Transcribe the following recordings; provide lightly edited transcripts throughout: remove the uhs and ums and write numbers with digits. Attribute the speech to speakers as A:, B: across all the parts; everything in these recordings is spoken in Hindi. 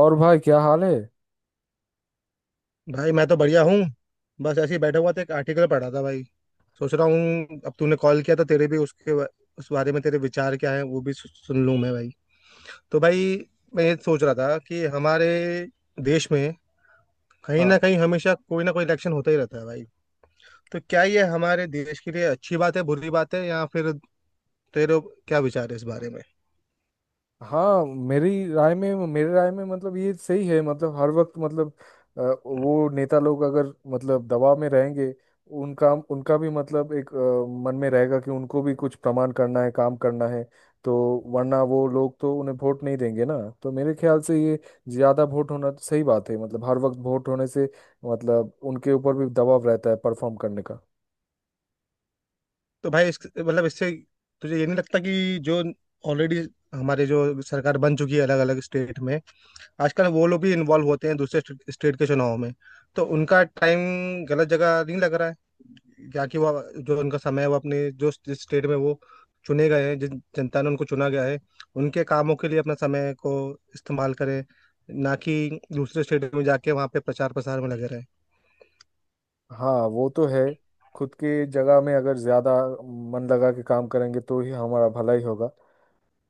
A: और भाई क्या हाल है।
B: भाई मैं तो बढ़िया हूँ। बस ऐसे ही बैठा हुआ था, एक आर्टिकल पढ़ा था भाई। सोच रहा हूँ अब तूने कॉल किया तो तेरे भी उस बारे में तेरे विचार क्या है वो भी सुन लूँ मैं भाई। तो भाई मैं ये सोच रहा था कि हमारे देश में कहीं
A: हाँ।
B: ना कहीं हमेशा कोई ना कोई इलेक्शन होता ही रहता है भाई। तो क्या ये हमारे देश के लिए अच्छी बात है, बुरी बात है, या फिर तेरे क्या विचार है इस बारे में?
A: हाँ, मेरी राय में मेरे राय में मतलब ये सही है। मतलब हर वक्त मतलब अ, वो नेता लोग अगर मतलब दबाव में रहेंगे, उनका उनका भी मतलब एक मन में रहेगा कि उनको भी कुछ प्रमाण करना है, काम करना है, तो वरना वो लोग तो उन्हें वोट नहीं देंगे ना। तो मेरे ख्याल से ये ज़्यादा वोट होना तो सही बात है। मतलब हर वक्त वोट होने से मतलब उनके ऊपर भी दबाव रहता है परफॉर्म करने का।
B: तो भाई मतलब इससे तुझे ये नहीं लगता कि जो ऑलरेडी हमारे जो सरकार बन चुकी है अलग अलग स्टेट में, आजकल वो लोग भी इन्वॉल्व होते हैं दूसरे स्टेट के चुनाव में। तो उनका टाइम गलत जगह नहीं लग रहा है क्या, कि वो जो उनका समय है वो अपने जो जिस स्टेट में वो चुने गए हैं, जिन जनता ने उनको चुना गया है, उनके कामों के लिए अपना समय को इस्तेमाल करें, ना कि दूसरे स्टेट में जाके वहाँ पे प्रचार प्रसार में लगे।
A: हाँ वो तो है। खुद के जगह में अगर ज्यादा मन लगा के काम करेंगे तो ही हमारा भला ही होगा।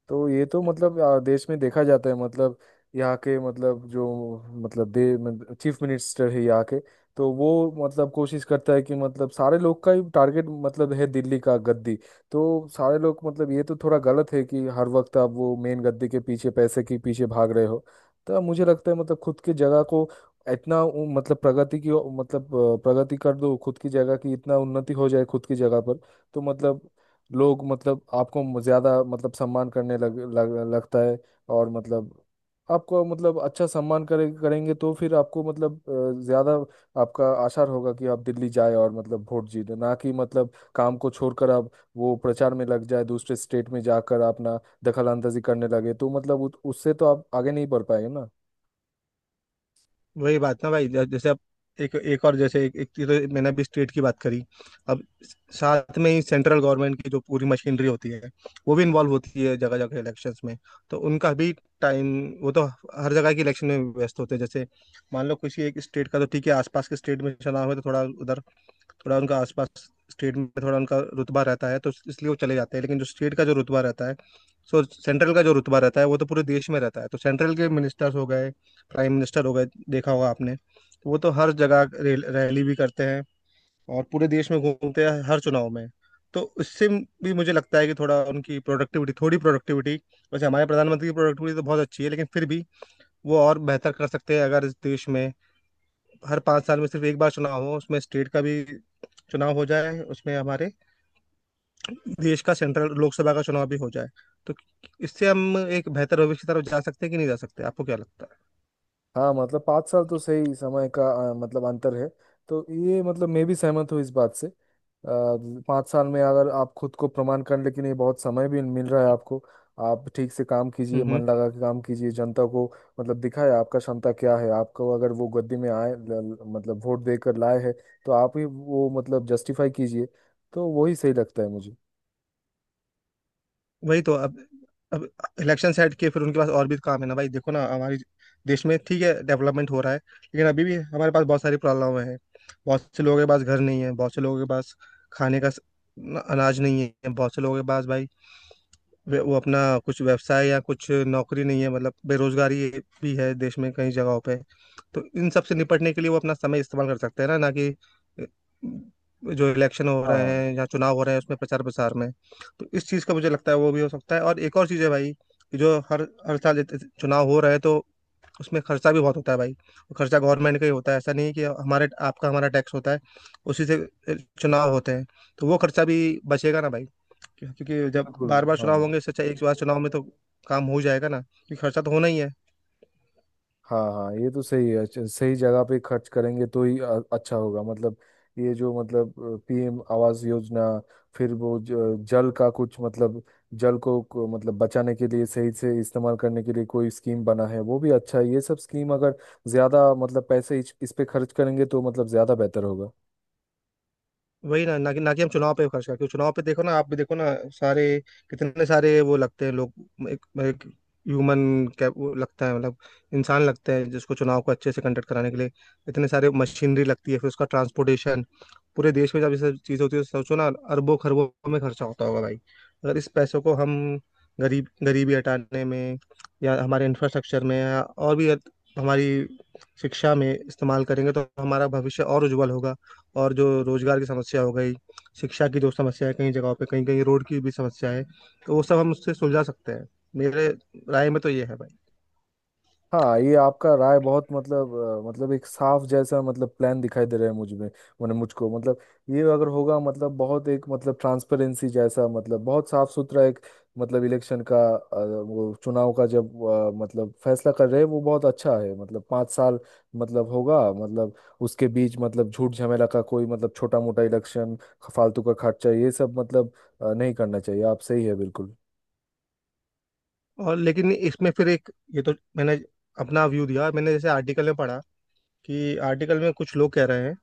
A: तो ये तो मतलब देश में देखा जाता है। मतलब यहाँ के मतलब जो मतलब दे मतलब चीफ मिनिस्टर है यहाँ के, तो वो मतलब कोशिश करता है कि मतलब सारे लोग का ही टारगेट मतलब है दिल्ली का गद्दी। तो सारे लोग मतलब ये तो थोड़ा गलत है कि हर वक्त आप वो मेन गद्दी के पीछे, पैसे के पीछे भाग रहे हो। तो मुझे लगता है मतलब खुद की जगह को इतना मतलब प्रगति की मतलब प्रगति कर दो, खुद की जगह की इतना उन्नति हो जाए खुद की जगह पर, तो मतलब लोग मतलब आपको ज़्यादा मतलब सम्मान करने लग, लग लगता है। और मतलब आपको मतलब अच्छा सम्मान करेंगे तो फिर आपको मतलब ज़्यादा आपका आसार होगा कि आप दिल्ली जाए और मतलब वोट जीते, ना कि मतलब काम को छोड़कर आप वो प्रचार में लग जाए, दूसरे स्टेट में जाकर अपना दखल अंदाजी करने लगे, तो मतलब उससे तो आप आगे नहीं बढ़ पाएंगे ना।
B: वही बात ना भाई, जैसे अब एक एक और जैसे एक चीज़ तो मैंने अभी स्टेट की बात करी। अब साथ में ही सेंट्रल गवर्नमेंट की जो पूरी मशीनरी होती है वो भी इन्वॉल्व होती है जगह जगह इलेक्शंस में। तो उनका भी टाइम, वो तो हर जगह के इलेक्शन में व्यस्त होते हैं। जैसे मान लो किसी एक स्टेट का, तो ठीक है आसपास के स्टेट में चुनाव है तो थोड़ा उधर, थोड़ा उनका आसपास स्टेट में थोड़ा उनका रुतबा रहता है तो इसलिए वो चले जाते हैं, लेकिन जो स्टेट का जो रुतबा रहता है, सो सेंट्रल का जो रुतबा रहता है वो तो पूरे देश में रहता है। तो सेंट्रल के मिनिस्टर्स हो गए, प्राइम मिनिस्टर हो गए, देखा होगा आपने, वो तो हर जगह रैली भी करते हैं और पूरे देश में घूमते हैं हर चुनाव में। तो उससे भी मुझे लगता है कि थोड़ा उनकी प्रोडक्टिविटी, थोड़ी प्रोडक्टिविटी, वैसे हमारे प्रधानमंत्री की प्रोडक्टिविटी तो बहुत अच्छी है लेकिन फिर भी वो और बेहतर कर सकते हैं, अगर इस देश में हर पाँच साल में सिर्फ एक बार चुनाव हो, उसमें स्टेट का भी चुनाव हो जाए, उसमें हमारे देश का सेंट्रल लोकसभा का चुनाव भी हो जाए। तो इससे हम एक बेहतर भविष्य की तरफ जा सकते हैं कि नहीं जा सकते, आपको क्या लगता है?
A: हाँ मतलब 5 साल तो सही समय का मतलब अंतर है। तो ये मतलब मैं भी सहमत हूँ इस बात से। 5 साल में अगर आप खुद को प्रमाण करने के लिए बहुत समय भी मिल रहा है आपको। आप ठीक से काम
B: हम्म
A: कीजिए,
B: हम्म।
A: मन लगा के काम कीजिए, जनता को मतलब दिखाए आपका क्षमता क्या है। आपको अगर वो गद्दी में आए, मतलब वोट देकर लाए हैं, तो आप ही वो मतलब जस्टिफाई कीजिए। तो वही सही लगता है मुझे।
B: वही तो, अब इलेक्शन सेट किए फिर उनके पास और भी काम है ना भाई। देखो ना हमारे देश में, ठीक है डेवलपमेंट हो रहा है लेकिन अभी भी हमारे पास बहुत सारी प्रॉब्लम है। बहुत से लोगों के पास घर नहीं है, बहुत से लोगों के पास खाने का अनाज नहीं है, बहुत से लोगों के पास भाई वो अपना कुछ व्यवसाय या कुछ नौकरी नहीं है, मतलब बेरोजगारी भी है देश में कई जगहों पे। तो इन सब से निपटने के लिए वो अपना समय इस्तेमाल कर सकते हैं ना, ना कि अ, जो इलेक्शन हो रहे
A: हाँ।
B: हैं या चुनाव हो रहे हैं उसमें प्रचार प्रसार में। तो इस चीज़ का मुझे लगता है वो भी हो सकता है। और एक और चीज़ है भाई कि जो हर हर साल चुनाव हो रहे हैं तो उसमें खर्चा भी बहुत होता है भाई। वो खर्चा गवर्नमेंट का ही होता है, ऐसा नहीं है, कि हमारे आपका हमारा टैक्स होता है उसी से चुनाव होते हैं। तो वो खर्चा भी बचेगा ना भाई, क्योंकि जब
A: बिल्कुल।
B: बार बार चुनाव
A: हाँ।
B: होंगे, इससे अच्छा एक बार चुनाव में तो काम हो जाएगा ना, क्योंकि खर्चा तो होना ही है।
A: हाँ हाँ ये तो सही है। अच्छा, सही जगह पे खर्च करेंगे तो ही अच्छा होगा। मतलब ये जो मतलब पीएम आवास योजना, फिर वो जल का कुछ मतलब जल को मतलब बचाने के लिए, सही से इस्तेमाल करने के लिए कोई स्कीम बना है वो भी अच्छा है। ये सब स्कीम अगर ज्यादा मतलब पैसे इस पे खर्च करेंगे तो मतलब ज्यादा बेहतर होगा।
B: वही, ना ना कि हम चुनाव पे खर्च करते, क्योंकि चुनाव पे देखो ना, आप भी देखो ना, सारे कितने सारे वो लगते हैं लोग, एक ह्यूमन कैप वो लगता है मतलब इंसान लगते हैं जिसको चुनाव को अच्छे से कंडक्ट कराने के लिए। इतने सारे मशीनरी लगती है, फिर उसका ट्रांसपोर्टेशन, पूरे देश में जब ये सब चीज़ होती है, सोचो ना अरबों खरबों में खर्चा होता होगा भाई। अगर इस पैसों को हम गरीबी हटाने में या हमारे इंफ्रास्ट्रक्चर में या और भी हमारी शिक्षा में इस्तेमाल करेंगे तो हमारा भविष्य और उज्जवल होगा। और जो रोजगार की समस्या हो गई, शिक्षा की जो समस्या है कई जगहों पे, कहीं कहीं रोड की भी समस्या है, तो वो सब हम उससे सुलझा सकते हैं। मेरे राय में तो ये है भाई।
A: हाँ, ये आपका राय बहुत मतलब मतलब एक साफ जैसा मतलब प्लान दिखाई दे रहा है मुझ में। मैंने मुझको मतलब ये अगर होगा मतलब बहुत एक मतलब ट्रांसपेरेंसी जैसा मतलब बहुत साफ सुथरा एक मतलब इलेक्शन का वो चुनाव का जब मतलब फैसला कर रहे हैं वो बहुत अच्छा है। मतलब पाँच साल मतलब होगा मतलब उसके बीच मतलब झूठ झमेला का कोई मतलब छोटा मोटा इलेक्शन, फालतू का खर्चा, ये सब मतलब नहीं करना चाहिए। आप सही है बिल्कुल।
B: और लेकिन इसमें फिर एक, ये तो मैंने अपना व्यू दिया, मैंने जैसे आर्टिकल में पढ़ा कि आर्टिकल में कुछ लोग कह रहे हैं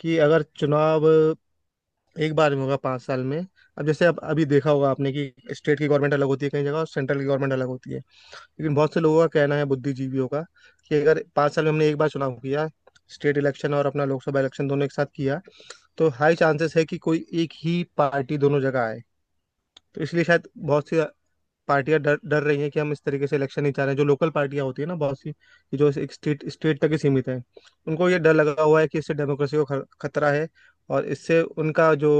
B: कि अगर चुनाव एक बार में होगा 5 साल में। अब जैसे अब अभी देखा होगा आपने कि स्टेट की गवर्नमेंट अलग होती है कई जगह और सेंट्रल की गवर्नमेंट अलग होती है। लेकिन बहुत से लोगों का कहना है, बुद्धिजीवियों का, कि अगर 5 साल में हमने एक बार चुनाव किया, स्टेट इलेक्शन और अपना लोकसभा इलेक्शन दोनों एक साथ किया, तो हाई चांसेस है कि कोई एक ही पार्टी दोनों जगह आए। तो इसलिए शायद बहुत सी पार्टियां डर डर रही हैं कि हम इस तरीके से इलेक्शन नहीं चाह रहे हैं, जो लोकल पार्टियां होती है ना बहुत सी कि जो एक स्टेट स्टेट तक ही सीमित है। उनको ये डर लगा हुआ है कि इससे डेमोक्रेसी को खतरा है और इससे उनका जो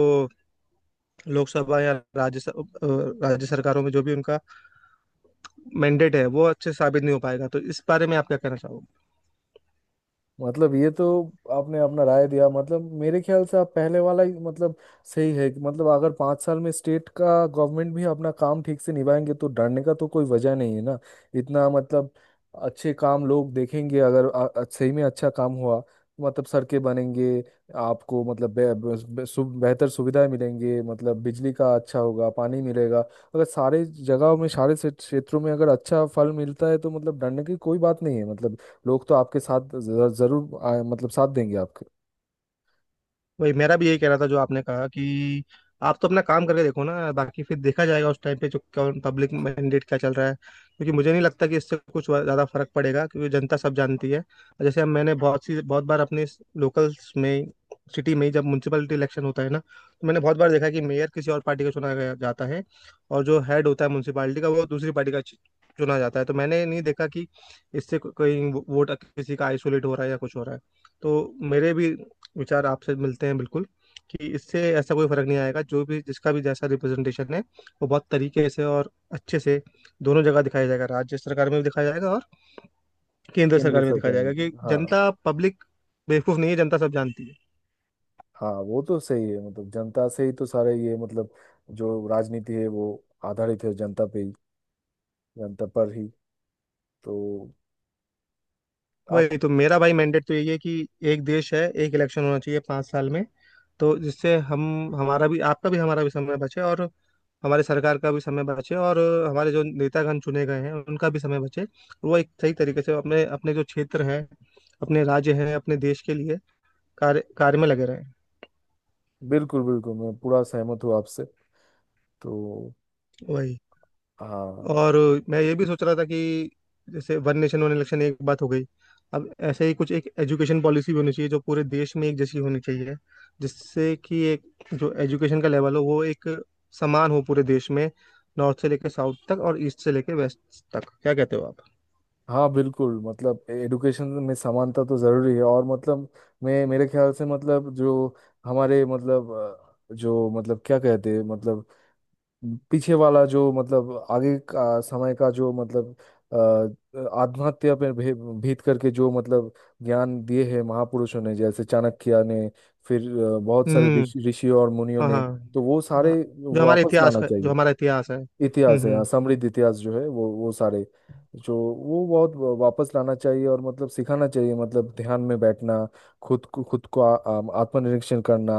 B: लोकसभा या राज्य सरकारों में जो भी उनका मैंडेट है वो अच्छे से साबित नहीं हो पाएगा। तो इस बारे में आप क्या कहना चाहोगे?
A: मतलब ये तो आपने अपना राय दिया। मतलब मेरे ख्याल से आप पहले वाला ही मतलब सही है कि मतलब अगर 5 साल में स्टेट का गवर्नमेंट भी अपना काम ठीक से निभाएंगे तो डरने का तो कोई वजह नहीं है ना। इतना मतलब अच्छे काम लोग देखेंगे अगर सही में अच्छा काम हुआ, मतलब सड़कें बनेंगे, आपको मतलब बे, बे, बे, सु, बेहतर सुविधाएं मिलेंगे, मतलब बिजली का अच्छा होगा, पानी मिलेगा। अगर सारे जगहों में, सारे क्षेत्रों में अगर अच्छा फल मिलता है तो मतलब डरने की कोई बात नहीं है। मतलब लोग तो आपके साथ जरूर मतलब साथ देंगे आपके।
B: वही, मेरा भी यही कहना था जो आपने कहा कि आप तो अपना काम करके देखो ना, बाकी फिर देखा जाएगा उस टाइम पे जो कौन पब्लिक मैंडेट क्या चल रहा है। क्योंकि मुझे नहीं लगता कि इससे कुछ ज़्यादा फर्क पड़ेगा, क्योंकि जनता सब जानती है। और जैसे हम, मैंने बहुत सी बहुत बार अपने लोकल्स में, सिटी में ही जब म्यूनसिपलिटी इलेक्शन होता है ना, तो मैंने बहुत बार देखा कि मेयर किसी और पार्टी का चुना गया जाता है और जो हेड होता है म्यूनसिपालिटी का वो दूसरी पार्टी का चुना जाता है। तो मैंने नहीं देखा कि इससे कोई वोट किसी का आइसोलेट हो रहा है या कुछ हो रहा है। तो मेरे भी विचार आपसे मिलते हैं बिल्कुल, कि इससे ऐसा कोई फर्क नहीं आएगा, जो भी जिसका भी जैसा रिप्रेजेंटेशन है वो बहुत तरीके से और अच्छे से दोनों जगह दिखाया जाएगा, राज्य सरकार में भी दिखाया जाएगा और केंद्र सरकार
A: केंद्र
B: में भी दिखाया
A: सरकार में
B: जाएगा, कि
A: भी। हाँ।
B: जनता पब्लिक बेवकूफ नहीं है, जनता सब जानती है।
A: हाँ वो तो सही है। मतलब जनता से ही तो सारे ये मतलब जो राजनीति है वो आधारित है जनता पे ही, जनता पर ही तो। आप।
B: वही तो, मेरा भाई मैंडेट तो यही है कि एक देश है एक इलेक्शन होना चाहिए 5 साल में। तो जिससे हम, हमारा भी, आपका भी, हमारा भी समय बचे और हमारी सरकार का भी समय बचे और हमारे जो नेतागण चुने गए हैं उनका भी समय बचे। वो एक सही तरीके से अपने अपने जो क्षेत्र हैं, अपने राज्य हैं, अपने देश के लिए कार्य कार्य में लगे रहें।
A: बिल्कुल बिल्कुल, मैं पूरा सहमत हूँ आपसे। तो।
B: वही।
A: हाँ।
B: और मैं ये भी सोच रहा था कि जैसे वन नेशन वन इलेक्शन एक बात हो गई, अब ऐसे ही कुछ एक एजुकेशन पॉलिसी भी होनी चाहिए जो पूरे देश में एक जैसी होनी चाहिए, जिससे कि एक जो एजुकेशन का लेवल हो वो एक समान हो पूरे देश में, नॉर्थ से लेकर साउथ तक और ईस्ट से लेकर वेस्ट तक। क्या कहते हो आप?
A: हाँ बिल्कुल, मतलब एडुकेशन में समानता तो जरूरी है। और मतलब मैं मेरे ख्याल से मतलब जो हमारे मतलब जो मतलब क्या कहते हैं मतलब पीछे वाला जो मतलब आगे का समय का जो मतलब अ, आत्महत्या पर भे- भीत करके जो मतलब ज्ञान दिए हैं महापुरुषों ने, जैसे चाणक्य ने, फिर बहुत सारे
B: हम्म।
A: ऋषियों और मुनियों
B: हाँ
A: ने।
B: हाँ।
A: तो वो
B: हाँ,
A: सारे
B: जो हमारे
A: वापस
B: इतिहास
A: लाना
B: का, जो
A: चाहिए।
B: हमारा इतिहास है।
A: इतिहास है, हाँ, समृद्ध इतिहास जो है, वो सारे जो वो बहुत वापस लाना चाहिए और मतलब सिखाना चाहिए। मतलब ध्यान में बैठना, खुद को आत्मनिरीक्षण करना।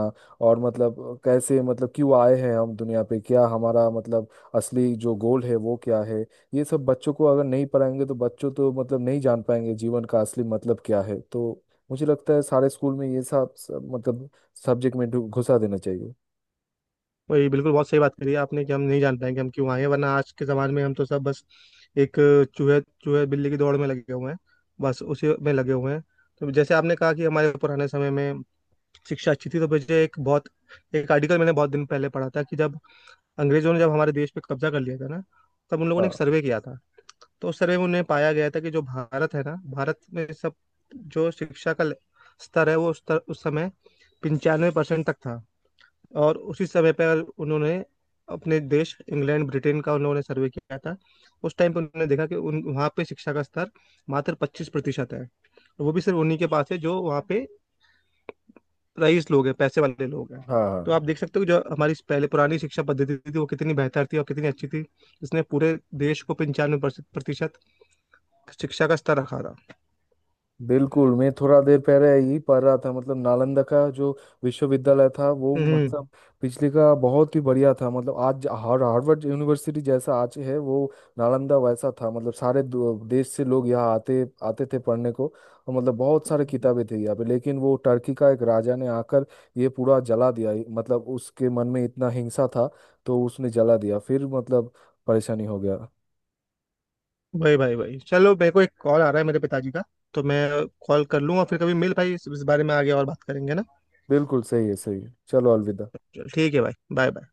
A: और मतलब कैसे मतलब क्यों आए हैं हम दुनिया पे, क्या हमारा मतलब असली जो गोल है वो क्या है। ये सब बच्चों को अगर नहीं पढ़ाएंगे तो बच्चों तो मतलब नहीं जान पाएंगे जीवन का असली मतलब क्या है। तो मुझे लगता है सारे स्कूल में ये सब सब मतलब सब्जेक्ट में घुसा देना चाहिए।
B: वही, बिल्कुल, बहुत सही बात करी है आपने, कि हम नहीं जान पाएंगे हम क्यों आए हैं, वरना आज के ज़माने में हम तो सब बस एक चूहे चूहे बिल्ली की दौड़ में लगे हुए हैं। बस उसी में लगे हुए हैं। तो जैसे आपने कहा कि हमारे पुराने समय में शिक्षा अच्छी थी, तो मुझे एक बहुत, एक आर्टिकल मैंने बहुत दिन पहले पढ़ा था कि जब अंग्रेजों ने जब हमारे देश पे कब्जा कर लिया था ना, तब उन लोगों ने एक
A: हाँ।
B: सर्वे किया था। तो उस सर्वे में उन्हें पाया गया था कि जो भारत है ना, भारत में सब जो शिक्षा का स्तर है वो उस समय 95% तक था। और उसी समय पर उन्होंने अपने देश इंग्लैंड ब्रिटेन का उन्होंने सर्वे किया था। उस टाइम पर उन्होंने देखा कि उन वहाँ पे शिक्षा का स्तर मात्र 25% है, और वो भी सिर्फ उन्हीं के पास है जो वहाँ पे रईस लोग हैं, पैसे वाले लोग हैं।
A: हाँ।
B: तो
A: हाँ
B: आप देख सकते हो जो हमारी पहले पुरानी शिक्षा पद्धति थी वो कितनी बेहतर थी और कितनी अच्छी थी। इसने पूरे देश को 95% शिक्षा का स्तर रखा था।
A: बिल्कुल, मैं थोड़ा देर पहले यही पढ़ रहा था। मतलब नालंदा का जो विश्वविद्यालय था वो
B: हम्म।
A: मतलब पिछले का बहुत ही बढ़िया था। मतलब आज हार्वर्ड यूनिवर्सिटी जैसा आज है, वो नालंदा वैसा था। मतलब सारे देश से लोग यहाँ आते आते थे पढ़ने को। और मतलब बहुत सारे किताबें थे यहाँ पे, लेकिन वो टर्की का एक राजा ने आकर ये पूरा जला दिया। मतलब उसके मन में इतना हिंसा था, तो उसने जला दिया, फिर मतलब परेशानी हो गया।
B: भाई भाई भाई चलो, मेरे को एक कॉल आ रहा है मेरे पिताजी का, तो मैं कॉल कर लूँ और फिर कभी मिल भाई, इस बारे में आगे और बात करेंगे ना।
A: बिल्कुल सही है, सही है, चलो अलविदा।
B: चल ठीक है भाई, बाय बाय।